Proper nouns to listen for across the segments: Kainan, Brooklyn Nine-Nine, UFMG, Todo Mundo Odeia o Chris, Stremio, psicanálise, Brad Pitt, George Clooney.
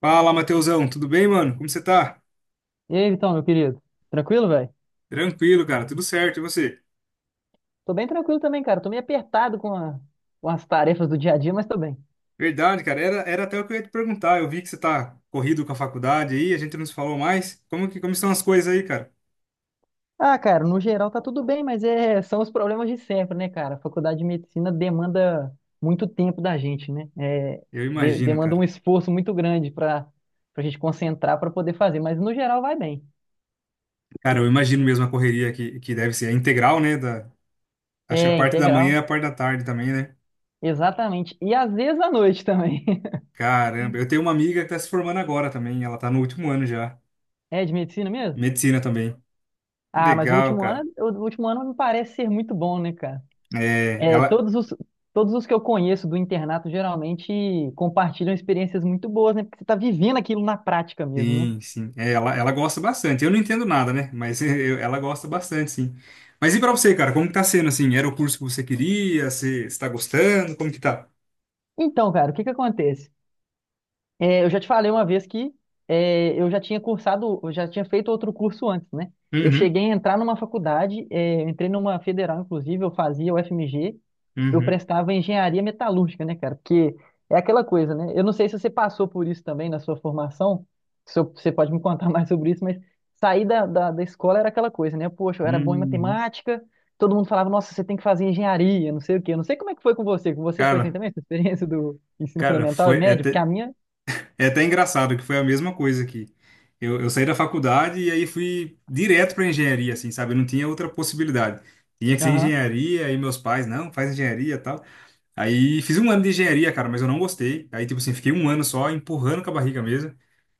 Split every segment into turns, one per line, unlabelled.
Fala, Matheusão, tudo bem, mano? Como você tá?
E aí, Vitão, meu querido? Tranquilo, velho?
Tranquilo, cara, tudo certo, e você?
Tô bem tranquilo também, cara. Tô meio apertado com as tarefas do dia a dia, mas tô bem.
Verdade, cara, era até o que eu ia te perguntar. Eu vi que você tá corrido com a faculdade aí, a gente não se falou mais. Como estão as coisas aí, cara?
Ah, cara, no geral tá tudo bem, mas é, são os problemas de sempre, né, cara? A faculdade de medicina demanda muito tempo da gente, né? É,
Eu imagino,
demanda um
cara.
esforço muito grande pra gente concentrar pra poder fazer, mas no geral vai bem.
Cara, eu imagino mesmo a correria que deve ser a integral, né? Acho que a
É,
parte da manhã e
integral.
a parte da tarde também, né?
Exatamente. E às vezes à noite também.
Caramba, eu tenho uma amiga que tá se formando agora também, ela tá no último ano já,
É de medicina mesmo?
medicina também. Que
Ah, mas
legal, cara.
o último ano me parece ser muito bom, né, cara?
É,
É,
ela,
todos os que eu conheço do internato geralmente compartilham experiências muito boas, né? Porque você está vivendo aquilo na prática mesmo, né?
Sim, sim. É, ela gosta bastante. Eu não entendo nada, né? Mas ela gosta bastante, sim. Mas e pra você, cara? Como que tá sendo, assim? Era o curso que você queria? Você está gostando? Como que tá?
Então, cara, o que que acontece? É, eu já te falei uma vez que é, eu já tinha cursado, eu já tinha feito outro curso antes, né? Eu
Uhum,
cheguei a entrar numa faculdade, é, eu entrei numa federal, inclusive, eu fazia o FMG, eu
uhum,
prestava engenharia metalúrgica, né, cara? Porque é aquela coisa, né? Eu não sei se você passou por isso também na sua formação, se eu- você pode me contar mais sobre isso, mas sair da escola era aquela coisa, né? Poxa, eu era bom em
uhum.
matemática, todo mundo falava, nossa, você tem que fazer engenharia, não sei o quê. Eu não sei como é que foi com você foi assim
Cara,
também, essa experiência do ensino
cara,
fundamental e médio, porque a minha.
é até engraçado que foi a mesma coisa aqui. Eu saí da faculdade e aí fui direto para engenharia, assim, sabe? Eu não tinha outra possibilidade. Tinha que ser
Aham,
engenharia, aí meus pais, não, faz engenharia e tal. Aí fiz um ano de engenharia, cara, mas eu não gostei. Aí, tipo assim, fiquei um ano só empurrando com a barriga mesmo.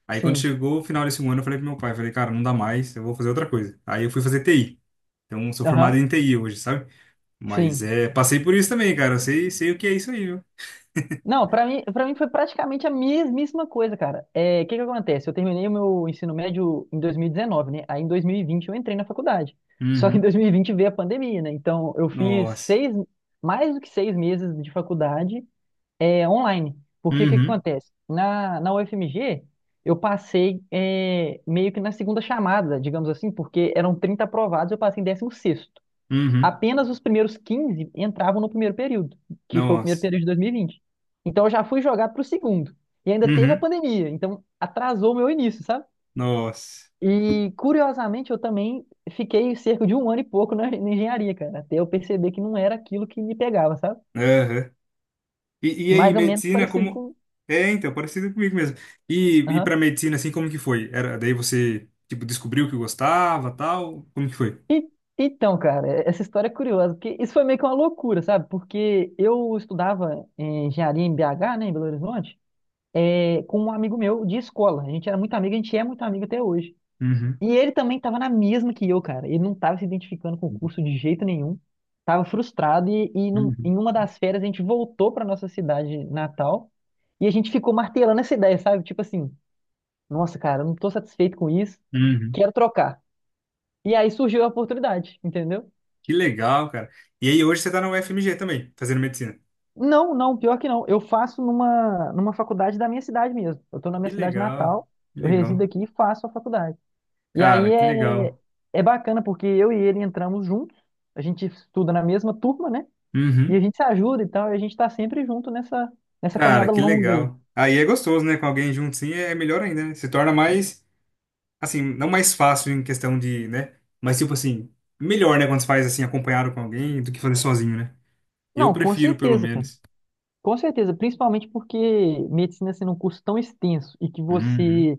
Aí, quando
sim.
chegou o final desse um ano, eu falei pro meu pai, falei, cara, não dá mais, eu vou fazer outra coisa. Aí eu fui fazer TI. Então, sou formado
Aham,
em TI hoje, sabe? Mas
sim.
é, passei por isso também, cara. Eu sei, sei o que é isso aí, viu?
Não, pra mim, para mim foi praticamente a mesmíssima coisa, cara. É, o que que acontece? Eu terminei o meu ensino médio em 2019, né? Aí em 2020, eu entrei na faculdade. Só que em
Uhum.
2020 veio a pandemia, né? Então eu fiz
Nossa.
mais do que 6 meses de faculdade é, online. Porque o que que
Uhum.
acontece? Na UFMG, eu passei é, meio que na segunda chamada, digamos assim, porque eram 30 aprovados, eu passei em 16º.
Uhum.
Apenas os primeiros 15 entravam no primeiro período, que foi o primeiro
Nossa.
período de 2020. Então eu já fui jogar para o segundo. E ainda teve a
Uhum.
pandemia, então atrasou o meu início, sabe?
Nossa.
E curiosamente eu também fiquei cerca de um ano e pouco na engenharia, cara, até eu perceber que não era aquilo que me pegava, sabe?
Aham. E aí,
Mais ou menos
medicina,
parecido
como.
com.
É, então, parecido comigo mesmo. E
Aham.
para medicina, assim, como que foi? Era, daí você, tipo, descobriu que gostava, tal? Como que foi?
E- então, cara, essa história é curiosa, porque isso foi meio que uma loucura, sabe? Porque eu estudava em engenharia em BH, né, em Belo Horizonte. É, com um amigo meu de escola. A gente era muito amigo, a gente é muito amigo até hoje.
Uhum,
E ele também estava na mesma que eu, cara. Ele não estava se identificando com o curso de jeito nenhum. Tava frustrado e
uhum,
em uma das férias a gente voltou para nossa cidade natal e a gente ficou martelando essa ideia, sabe? Tipo assim, nossa, cara, eu não tô satisfeito com isso,
uhum.
quero trocar. E aí surgiu a oportunidade, entendeu?
Que legal, cara. E aí, hoje você tá na UFMG também, fazendo medicina.
Não, não, pior que não. Eu faço numa faculdade da minha cidade mesmo. Eu tô na minha
Que
cidade
legal,
natal,
que
eu resido
legal.
aqui e faço a faculdade. E aí
Cara, que
é,
legal.
é bacana porque eu e ele entramos juntos, a gente estuda na mesma turma, né? E a
Uhum.
gente se ajuda e tal, e a gente tá sempre junto nessa, nessa
Cara,
caminhada
que
longa aí.
legal. Aí é gostoso, né? Com alguém junto, sim, é melhor ainda, né? Se torna mais. Assim, não mais fácil em questão de, né? Mas tipo assim, melhor, né, quando você faz assim acompanhado com alguém do que fazer sozinho, né? Eu
Não, com
prefiro, pelo
certeza, cara.
menos.
Com certeza, principalmente porque medicina sendo um curso tão extenso e que
Uhum.
você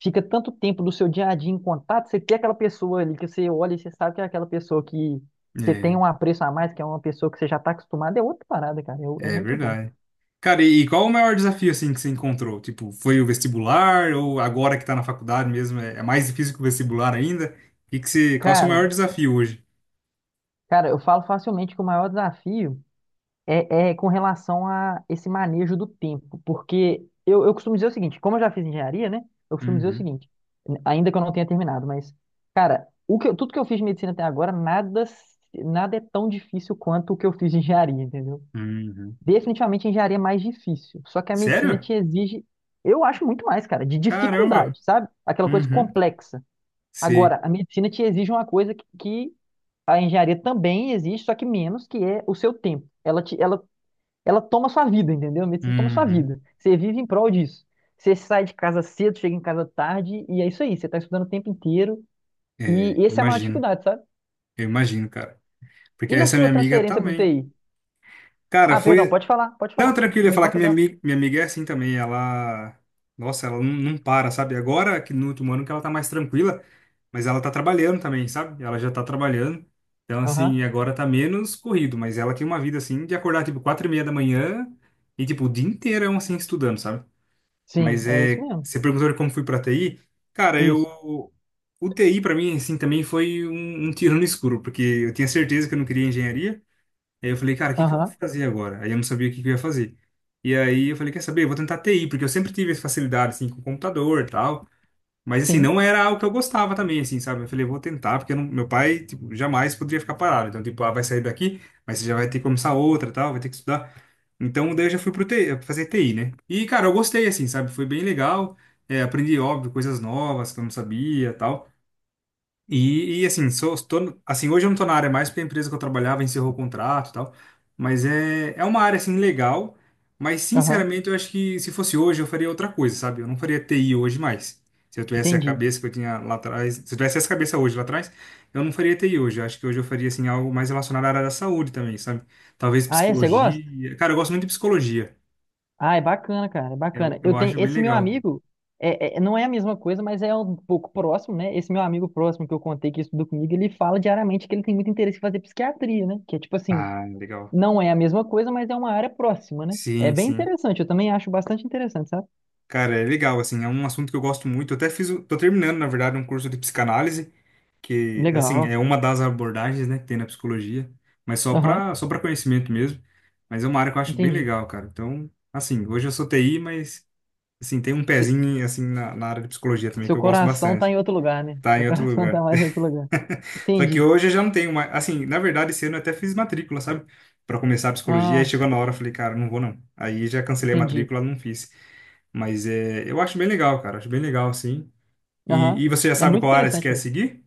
fica tanto tempo do seu dia a dia em contato, você tem aquela pessoa ali que você olha e você sabe que é aquela pessoa que você tem
É,
um apreço a mais, que é uma pessoa que você já está acostumado, é outra parada, cara. É, é
é
muito bom.
verdade. Cara, e qual o maior desafio assim que você encontrou? Tipo, foi o vestibular ou agora que tá na faculdade mesmo, é mais difícil que o vestibular ainda? E que você, qual o seu maior
Cara,
desafio hoje?
cara, eu falo facilmente que o maior desafio. É, é com relação a esse manejo do tempo, porque eu costumo dizer o seguinte, como eu já fiz engenharia, né? Eu costumo dizer o
Uhum.
seguinte, ainda que eu não tenha terminado, mas, cara, tudo que eu fiz de medicina até agora, nada, nada é tão difícil quanto o que eu fiz de engenharia, entendeu?
Uhum.
Definitivamente a engenharia é mais difícil, só que a medicina
Sério?
te exige, eu acho muito mais, cara, de
Caramba.
dificuldade, sabe? Aquela coisa
Uhum.
complexa.
Sei.
Agora, a medicina te exige uma coisa que a engenharia também exige, só que menos, que é o seu tempo. Ela te, ela ela toma sua vida, entendeu? A medicina toma sua
Uhum.
vida. Você vive em prol disso. Você sai de casa cedo, chega em casa tarde, e é isso aí. Você está estudando o tempo inteiro,
É,
e essa é a maior
imagino.
dificuldade, sabe?
Eu imagino, cara.
E
Porque
na
essa
sua
minha amiga
transferência para o
também.
TI?
Cara,
Ah, perdão,
foi.
pode falar, pode
Não,
falar.
tranquilo, eu ia
Me
falar que
conta
minha
dela.
amiga, minha amiga é assim também. Ela. Nossa, ela não, não para, sabe? Agora que no último ano que ela tá mais tranquila, mas ela tá trabalhando também, sabe? Ela já tá trabalhando. Então, assim,
Aham.
agora tá menos corrido, mas ela tem uma vida assim de acordar tipo 4:30 da manhã e tipo o dia inteirão assim estudando, sabe?
Sim,
Mas
é isso
é.
mesmo.
Você perguntou de como fui pra TI? Cara,
Isso.
eu. O TI pra mim, assim, também foi um tiro no escuro, porque eu tinha certeza que eu não queria engenharia. Aí eu falei, cara, o que que eu vou
Aham.
fazer agora? Aí eu não sabia o que que eu ia fazer. E aí eu falei, quer saber? Eu vou tentar TI, porque eu sempre tive essa facilidade, assim, com computador e tal. Mas, assim,
Sim.
não era algo que eu gostava também, assim, sabe? Eu falei, eu vou tentar, porque eu não- meu pai, tipo, jamais poderia ficar parado. Então, tipo, ah, vai sair daqui, mas você já vai ter que começar outra e tal, vai ter que estudar. Então, daí eu já fui pro TI, fazer TI, né? E, cara, eu gostei, assim, sabe? Foi bem legal. É, aprendi, óbvio, coisas novas que eu não sabia e tal. Assim, sou, tô, no- assim, hoje eu não tô na área mais porque a empresa que eu trabalhava encerrou o contrato e tal. Mas é uma área, assim, legal. Mas,
Aham.
sinceramente, eu acho que se fosse hoje eu faria outra coisa, sabe? Eu não faria TI hoje mais. Se eu tivesse a
Entendi.
cabeça que eu tinha lá atrás, se eu tivesse essa cabeça hoje lá atrás, eu não faria TI hoje. Eu acho que hoje eu faria, assim, algo mais relacionado à área da saúde também, sabe? Talvez
Ah, é? Você gosta?
psicologia. Cara, eu gosto muito de psicologia.
Ah, é bacana, cara, é
Eu,
bacana. Eu
eu
tenho
acho bem
esse meu
legal.
amigo, não é a mesma coisa, mas é um pouco próximo, né? Esse meu amigo próximo que eu contei que estudou comigo, ele fala diariamente que ele tem muito interesse em fazer psiquiatria, né? Que é tipo assim,
Ah, legal.
não é a mesma coisa, mas é uma área próxima, né? É
Sim,
bem
sim.
interessante, eu também acho bastante interessante, sabe?
Cara, é legal, assim, é um assunto que eu gosto muito. Eu até fiz, tô terminando, na verdade, um curso de psicanálise, que, assim,
Legal.
é uma das abordagens, né, que tem na psicologia, mas só
Aham,
para só para conhecimento mesmo. Mas é uma área que eu acho bem
entendi.
legal, cara. Então, assim, hoje eu sou TI, mas, assim, tem um
Se-
pezinho, assim, na área de psicologia também, que
seu
eu gosto
coração tá
bastante.
em outro lugar, né?
Tá
Seu
em outro
coração tá
lugar.
mais em outro lugar.
Só que
Entendi.
hoje eu já não tenho mais, assim, na verdade, esse ano eu até fiz matrícula, sabe? Para começar a psicologia, aí
Ah,
chegou na hora, eu falei, cara, não vou não. Aí já cancelei a
entendi.
matrícula, não fiz. Mas é, eu acho bem legal, cara. Acho bem legal, sim. E,
Aham.
e você já
É
sabe
muito
qual área você
interessante
quer
mesmo.
seguir?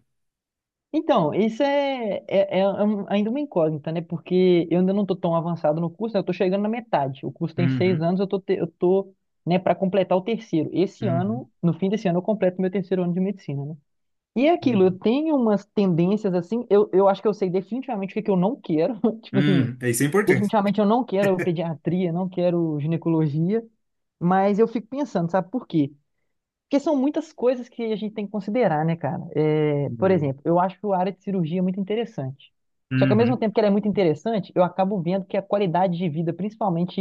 Então, isso é ainda uma incógnita, né? Porque eu ainda não estou tão avançado no curso, né? Eu estou chegando na metade. O curso tem seis
Uhum,
anos, eu estou, eu tô, né, para completar o terceiro. Esse
uhum,
ano, no fim desse ano, eu completo meu terceiro ano de medicina, né? E é aquilo, eu
uhum.
tenho umas tendências assim, eu acho que eu sei definitivamente o que que eu não quero. Tipo assim,
É isso é importante.
definitivamente eu não quero pediatria, não quero ginecologia, mas eu fico pensando, sabe por quê? Porque são muitas coisas que a gente tem que considerar, né, cara? É, por exemplo,
É.
eu acho a área de cirurgia é muito interessante. Só que ao mesmo
Uhum,
tempo que ela é muito interessante, eu acabo vendo que a qualidade de vida, principalmente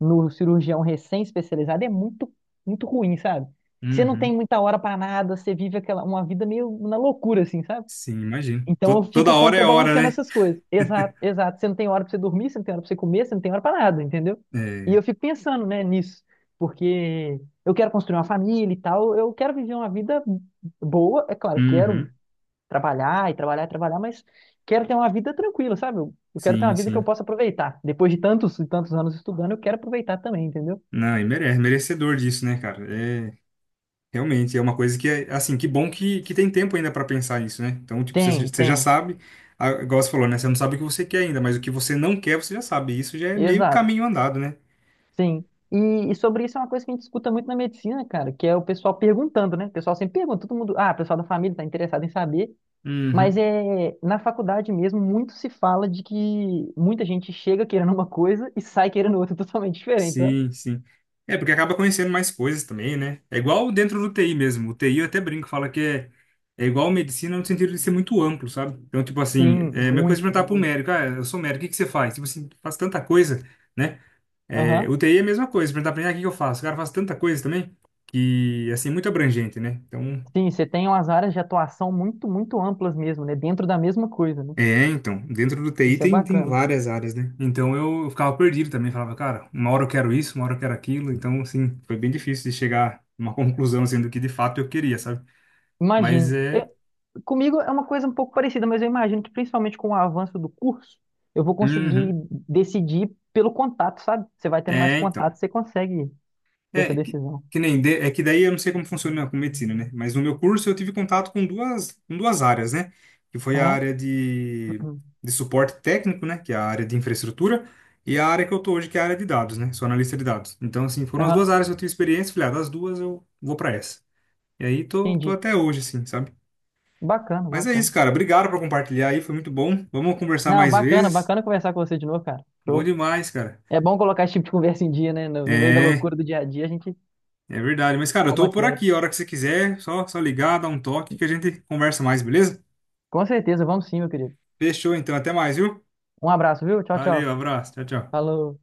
no cirurgião recém-especializado, é muito, muito ruim, sabe? Você não tem
uhum.
muita hora pra nada, você vive aquela, uma vida meio na loucura, assim, sabe?
Sim, imagino.
Então eu
Toda
fico
hora é hora,
contrabalanceando
né?
essas coisas. Exato, exato. Você não tem hora pra você dormir, você não tem hora pra você comer, você não tem hora pra nada, entendeu? E
É.
eu fico pensando, né, nisso, porque eu quero construir uma família e tal, eu quero viver uma vida boa, é claro, quero
Uhum.
trabalhar e trabalhar e trabalhar, mas quero ter uma vida tranquila, sabe? Eu quero ter uma
Sim,
vida que eu
sim.
possa aproveitar. Depois de tantos e tantos anos estudando, eu quero aproveitar também, entendeu?
Não, e merece, merecedor disso, né, cara? É, realmente, é uma coisa que é, assim, que bom que tem tempo ainda pra pensar nisso, né? Então, tipo, você,
Tem,
você já
tem.
sabe, a igual você falou, né? Você não sabe o que você quer ainda, mas o que você não quer, você já sabe. Isso já é meio
Exato.
caminho andado, né?
Sim. E sobre isso é uma coisa que a gente escuta muito na medicina, cara, que é o pessoal perguntando, né? O pessoal sempre pergunta, todo mundo, ah, o pessoal da família está interessado em saber, mas
Uhum.
é na faculdade mesmo muito se fala de que muita gente chega querendo uma coisa e sai querendo outra totalmente diferente, sabe?
Sim, sim. É, porque acaba conhecendo mais coisas também, né? É igual dentro do TI mesmo. O TI eu até brinco, fala que é igual medicina no sentido de ser muito amplo, sabe? Então, tipo assim,
Sim,
é a mesma coisa de
muito,
perguntar pro
muito.
médico, ah, eu sou médico, o que que você faz? Tipo assim, faz tanta coisa, né? É,
Aham.
o TI é a mesma coisa, perguntar pra mim, ah, o que que eu faço? O cara faz tanta coisa também, que, assim, muito abrangente, né? Então,
Sim, você tem umas áreas de atuação muito, muito amplas mesmo, né? Dentro da mesma coisa, né?
É, então, dentro do TI
Isso é
tem
bacana.
várias áreas, né? Então eu ficava perdido também, falava, cara, uma hora eu quero isso, uma hora eu quero aquilo, então, assim, foi bem difícil de chegar numa conclusão, assim, do que de fato eu queria, sabe? Mas
Imagino.
é.
Comigo é uma coisa um pouco parecida, mas eu imagino que principalmente com o avanço do curso, eu vou conseguir
Uhum.
decidir pelo contato, sabe? Você vai tendo mais
É, então.
contato, você consegue ter essa
É
decisão.
que nem é que daí eu não sei como funciona com medicina, né? Mas no meu curso eu tive contato com duas áreas, né? Que foi a
Aham,
área de, de suporte técnico, né? Que é a área de infraestrutura e a área que eu tô hoje, que é a área de dados, né? Sou analista de dados. Então assim, foram as
aham,
duas áreas que eu tive experiência, falei, ah, das duas eu vou para essa. E aí tô
entendi.
até hoje assim, sabe?
Bacana,
Mas é
bacana.
isso, cara. Obrigado por compartilhar aí, foi muito bom. Vamos conversar
Não,
mais
bacana,
vezes.
bacana conversar com você de novo, cara.
Bom
Show.
demais, cara.
É bom colocar esse tipo de conversa em dia, né? No meio da
É,
loucura do dia a dia, a gente
É, verdade. Mas, cara,
dá
eu tô
uma
por
quebra.
aqui. A hora que você quiser, só ligar, dar um toque que a gente conversa mais, beleza?
Com certeza, vamos sim, meu querido.
Fechou, então. Até mais, viu?
Um abraço, viu? Tchau,
Valeu,
tchau.
abraço. Tchau, tchau.
Falou.